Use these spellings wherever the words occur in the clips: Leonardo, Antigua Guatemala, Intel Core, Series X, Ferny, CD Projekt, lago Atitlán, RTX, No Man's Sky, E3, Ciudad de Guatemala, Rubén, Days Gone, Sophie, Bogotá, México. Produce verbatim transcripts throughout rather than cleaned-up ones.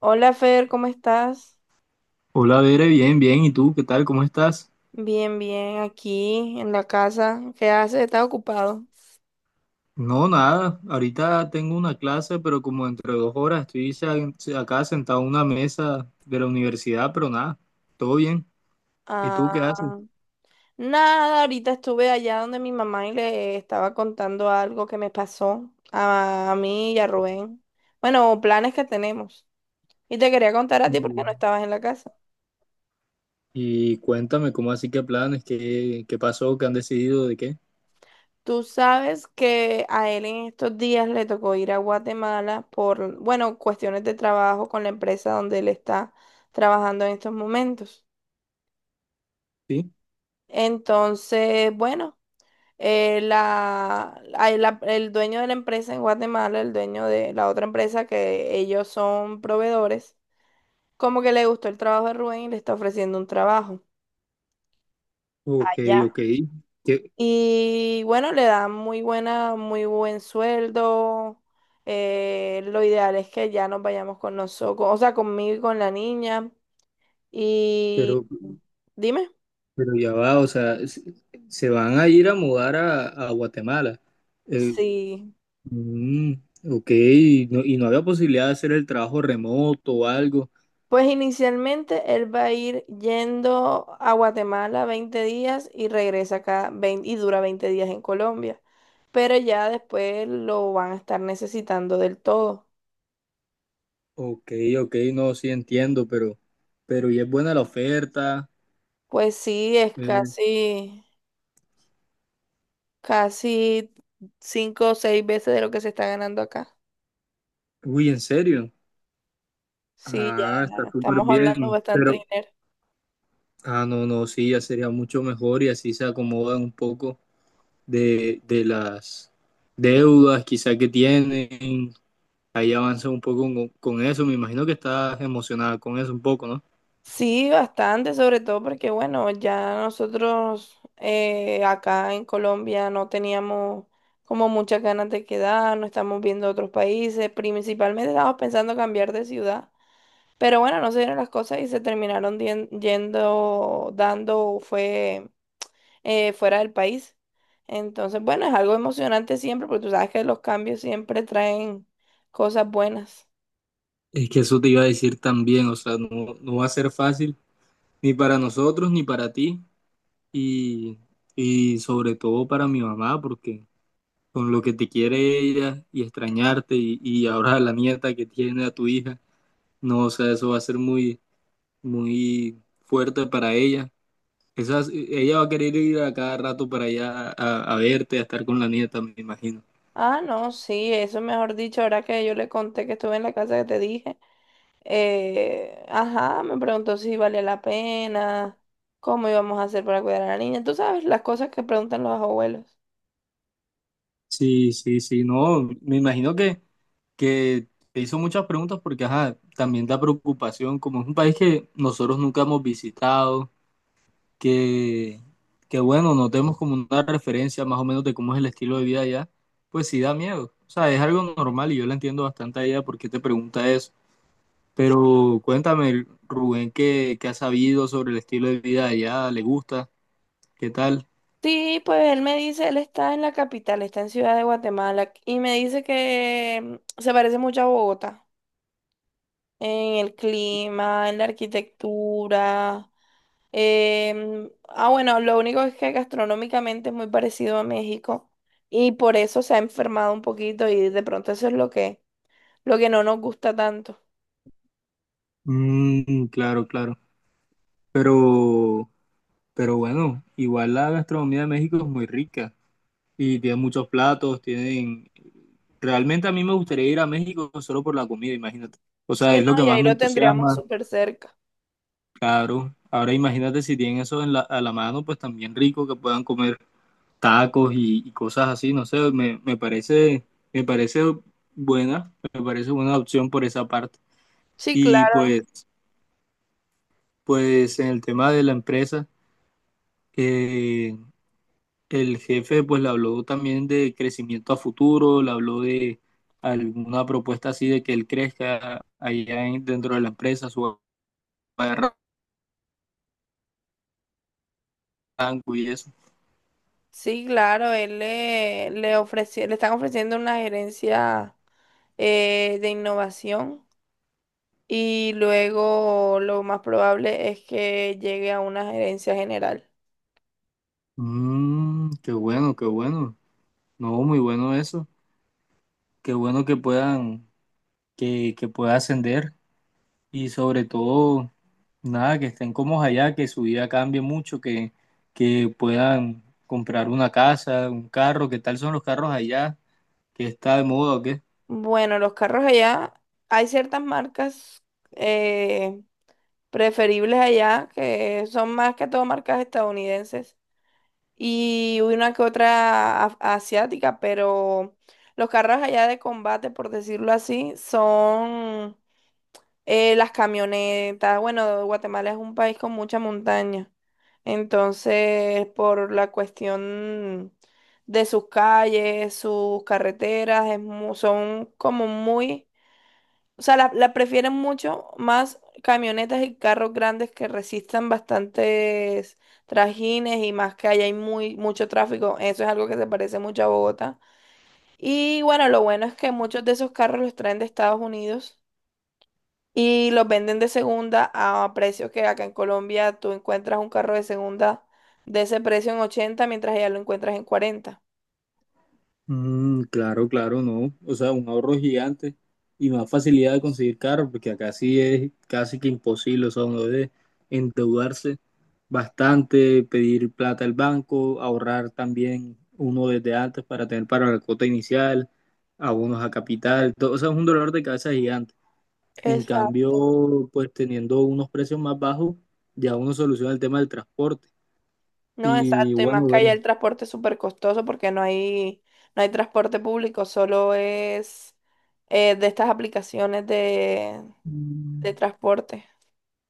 Hola Fer, ¿cómo estás? Hola, Bere, bien, bien. ¿Y tú qué tal? ¿Cómo estás? Bien, bien, aquí en la casa. ¿Qué haces? ¿Estás ocupado? No, nada. Ahorita tengo una clase, pero como entre dos horas estoy sen- acá sentado en una mesa de la universidad, pero nada, todo bien. ¿Y tú qué haces? Ah, nada, ahorita estuve allá donde mi mamá y le estaba contando algo que me pasó a, a mí y a Rubén. Bueno, planes que tenemos. Y te quería contar a ti porque no Mm. estabas en la casa. Y cuéntame, ¿cómo así que planes? ¿Qué, qué pasó? ¿Qué han decidido? ¿De qué? Tú sabes que a él en estos días le tocó ir a Guatemala por, bueno, cuestiones de trabajo con la empresa donde él está trabajando en estos momentos. Sí. Entonces, bueno. Eh, la, hay la- el dueño de la empresa en Guatemala, el dueño de la otra empresa que ellos son proveedores, como que le gustó el trabajo de Rubén y le está ofreciendo un trabajo Ok, allá. ok. Que- Y bueno, le dan muy buena, muy buen sueldo. Eh, lo ideal es que ya nos vayamos con nosotros, o sea, conmigo y con la niña. Y pero, dime, pero ya va, o sea, se se van a ir a mudar a, a Guatemala. Eh, sí. Mm, ok, y no, y no había posibilidad de hacer el trabajo remoto o algo. Pues inicialmente él va a ir yendo a Guatemala veinte días y regresa acá veinte y dura veinte días en Colombia. Pero ya después lo van a estar necesitando del todo. Ok, ok, no, sí entiendo, pero, pero y es buena la oferta. Pues sí, es eh, casi, casi cinco o seis veces de lo que se está ganando acá. Uy, ¿en serio? Sí, Ah, está ya súper estamos hablando bien. bastante Pero, dinero. ah, no, no, sí, ya sería mucho mejor y así se acomodan un poco de, de las deudas quizá que tienen. Ahí avanza un poco con, con eso. Me imagino que estás emocionada con eso un poco, ¿no? Sí, bastante, sobre todo porque, bueno, ya nosotros eh, acá en Colombia no teníamos como muchas ganas de quedarnos, estamos viendo otros países, principalmente estábamos pensando cambiar de ciudad, pero bueno, no se dieron las cosas y se terminaron dien- yendo, dando, fue eh, fuera del país. Entonces, bueno, es algo emocionante siempre, porque tú sabes que los cambios siempre traen cosas buenas. Es que eso te iba a decir también, o sea, no, no va a ser fácil ni para nosotros, ni para ti, y, y sobre todo para mi mamá, porque con lo que te quiere ella y extrañarte, y, y ahora la nieta que tiene a tu hija, no, o sea, eso va a ser muy, muy fuerte para ella. Esas, ella va a querer ir a cada rato para allá a, a verte, a estar con la nieta, me imagino. Ah, no, sí, eso mejor dicho, ahora que yo le conté que estuve en la casa que te dije. Eh, ajá, me preguntó si valía la pena, cómo íbamos a hacer para cuidar a la niña. Tú sabes, las cosas que preguntan los abuelos. Sí, sí, sí, no, me imagino que, que te hizo muchas preguntas porque, ajá, también da preocupación, como es un país que nosotros nunca hemos visitado que, que bueno, notemos como una referencia más o menos de cómo es el estilo de vida allá, pues sí da miedo. O sea, es algo normal y yo la entiendo bastante a ella porque te pregunta eso. Pero cuéntame, Rubén, ¿qué, qué has sabido sobre el estilo de vida allá? ¿Le gusta? ¿Qué tal? Sí, pues él me dice, él está en la capital, está en Ciudad de Guatemala, y me dice que mm, se parece mucho a Bogotá, en el clima, en la arquitectura. Em, ah, bueno, lo único es que gastronómicamente es muy parecido a México y por eso se ha enfermado un poquito y de pronto eso es lo que, lo que no nos gusta tanto. Mm, claro, claro. Pero, pero bueno, igual la gastronomía de México es muy rica y tiene muchos platos, tienen... Realmente a mí me gustaría ir a México solo por la comida, imagínate. O sea, Sí, es no, lo que y más ahí me lo tendríamos entusiasma. súper cerca. Claro, ahora imagínate si tienen eso en la, a la mano, pues también rico que puedan comer tacos y, y cosas así, no sé, me, me parece, me parece buena, me parece buena opción por esa parte. Sí, Y claro. pues, pues en el tema de la empresa, eh, el jefe pues le habló también de crecimiento a futuro, le habló de alguna propuesta así de que él crezca allá en- dentro de la empresa, su rango y eso. Sí, claro, él le, le ofreci- le están ofreciendo una gerencia eh, de innovación y luego lo más probable es que llegue a una gerencia general. Mm, qué bueno, qué bueno. No, muy bueno eso. Qué bueno que puedan, que, que pueda ascender y sobre todo, nada, que estén cómodos allá, que su vida cambie mucho, que, que puedan comprar una casa, un carro. ¿Qué tal son los carros allá? ¿Qué está de moda o qué? Bueno, los carros allá, hay ciertas marcas eh, preferibles allá que son más que todo marcas estadounidenses y una que otra af- asiática, pero los carros allá de combate, por decirlo así, son eh, las camionetas. Bueno, Guatemala es un país con mucha montaña, entonces por la cuestión de sus calles, sus carreteras, es mu- son como muy, o sea, la, la prefieren mucho más camionetas y carros grandes que resistan bastantes trajines y más que allá hay muy, mucho tráfico. Eso es algo que se parece mucho a Bogotá. Y bueno, lo bueno es que muchos de esos carros los traen de Estados Unidos y los venden de segunda a precios que acá en Colombia tú encuentras un carro de segunda de ese precio en ochenta, mientras allá lo encuentras en cuarenta. Mm, claro, claro, no. O sea, un ahorro gigante y más facilidad de conseguir carro, porque acá sí es casi que imposible, o sea, uno debe endeudarse bastante, pedir plata al banco, ahorrar también uno desde antes para tener para la cuota inicial, abonos a capital, todo, o sea, es un dolor de cabeza gigante. En Exacto. cambio, pues teniendo unos precios más bajos, ya uno soluciona el tema del transporte. No, Y exacto, y más bueno, que ver. allá el transporte es súper costoso porque no hay, no hay transporte público, solo es eh, de estas aplicaciones de, de Mm. transporte.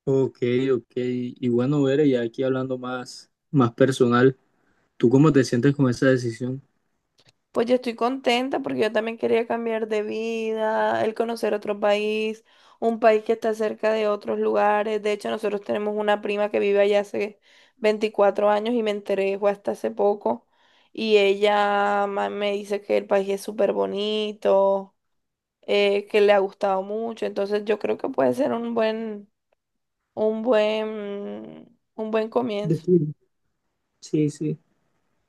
Ok, ok. Y bueno, ver, ya aquí hablando más, más personal, ¿tú cómo te sientes con esa decisión? Pues yo estoy contenta porque yo también quería cambiar de vida, el conocer otro país, un país que está cerca de otros lugares. De hecho, nosotros tenemos una prima que vive allá hace veinticuatro años y me enteré fue hasta hace poco. Y ella ma- me dice que el país es súper bonito, eh, que le ha gustado mucho. Entonces yo creo que puede ser un buen, un buen, un buen comienzo. Destino. Sí, sí.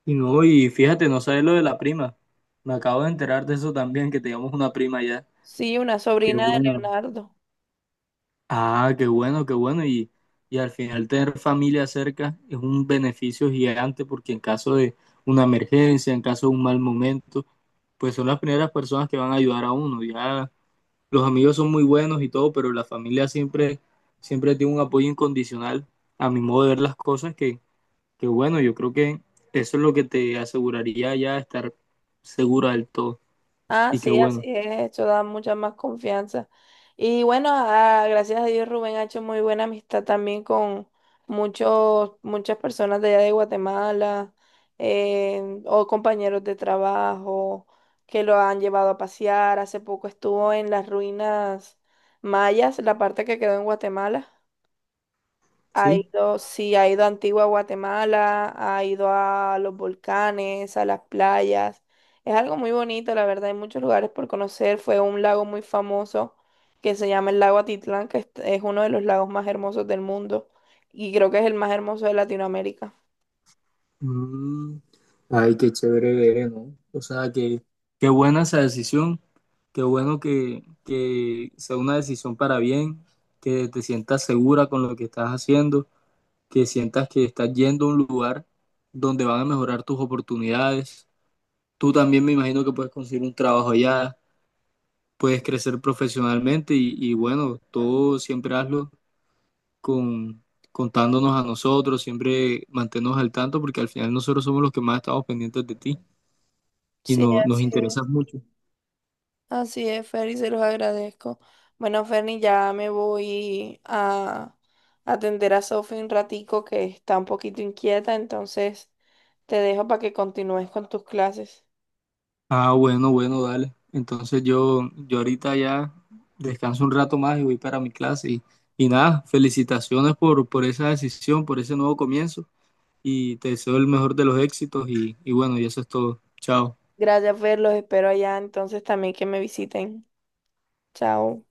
Y no, y fíjate, no sabes lo de la prima. Me acabo de enterar de eso también, que teníamos una prima ya. Sí, una Qué sobrina de bueno. Leonardo. Ah, qué bueno, qué bueno. Y, y al final tener familia cerca es un beneficio gigante porque en caso de una emergencia, en caso de un mal momento, pues son las primeras personas que van a ayudar a uno. Ya los amigos son muy buenos y todo, pero la familia siempre, siempre tiene un apoyo incondicional a mi modo de ver las cosas que, que bueno, yo creo que eso es lo que te aseguraría ya estar segura del todo. Ah, Y qué sí, así bueno, es, eso da mucha más confianza. Y bueno, ah, gracias a Dios Rubén ha hecho muy buena amistad también con muchos, muchas personas de allá de Guatemala, eh, o compañeros de trabajo que lo han llevado a pasear. Hace poco estuvo en las ruinas mayas, la parte que quedó en Guatemala. Ha ¿sí? ido, sí, ha ido a Antigua Guatemala, ha ido a los volcanes, a las playas. Es algo muy bonito, la verdad, hay muchos lugares por conocer. Fue a un lago muy famoso que se llama el lago Atitlán, que es es uno de los lagos más hermosos del mundo y creo que es el más hermoso de Latinoamérica. Mm, ay, qué chévere ver, ¿no? O sea, que, qué buena esa decisión, qué bueno que, que sea una decisión para bien, que te sientas segura con lo que estás haciendo, que sientas que estás yendo a un lugar donde van a mejorar tus oportunidades. Tú también me imagino que puedes conseguir un trabajo allá, puedes crecer profesionalmente y, y bueno, todo siempre hazlo con, contándonos a nosotros, siempre mantenernos al tanto porque al final nosotros somos los que más estamos pendientes de ti. Y Sí, no, nos así interesa es. mucho. Así es, Ferny, se los agradezco. Bueno, Ferny, ya me voy a atender a Sophie un ratico que está un poquito inquieta, entonces te dejo para que continúes con tus clases. Ah, bueno, bueno, dale. Entonces yo, yo ahorita ya descanso un rato más y voy para mi clase. Y, y nada, felicitaciones por, por esa decisión, por ese nuevo comienzo. Y te deseo el mejor de los éxitos. Y, y bueno, y eso es todo. Chao. Gracias, Fer, los espero allá, entonces también que me visiten. Chao.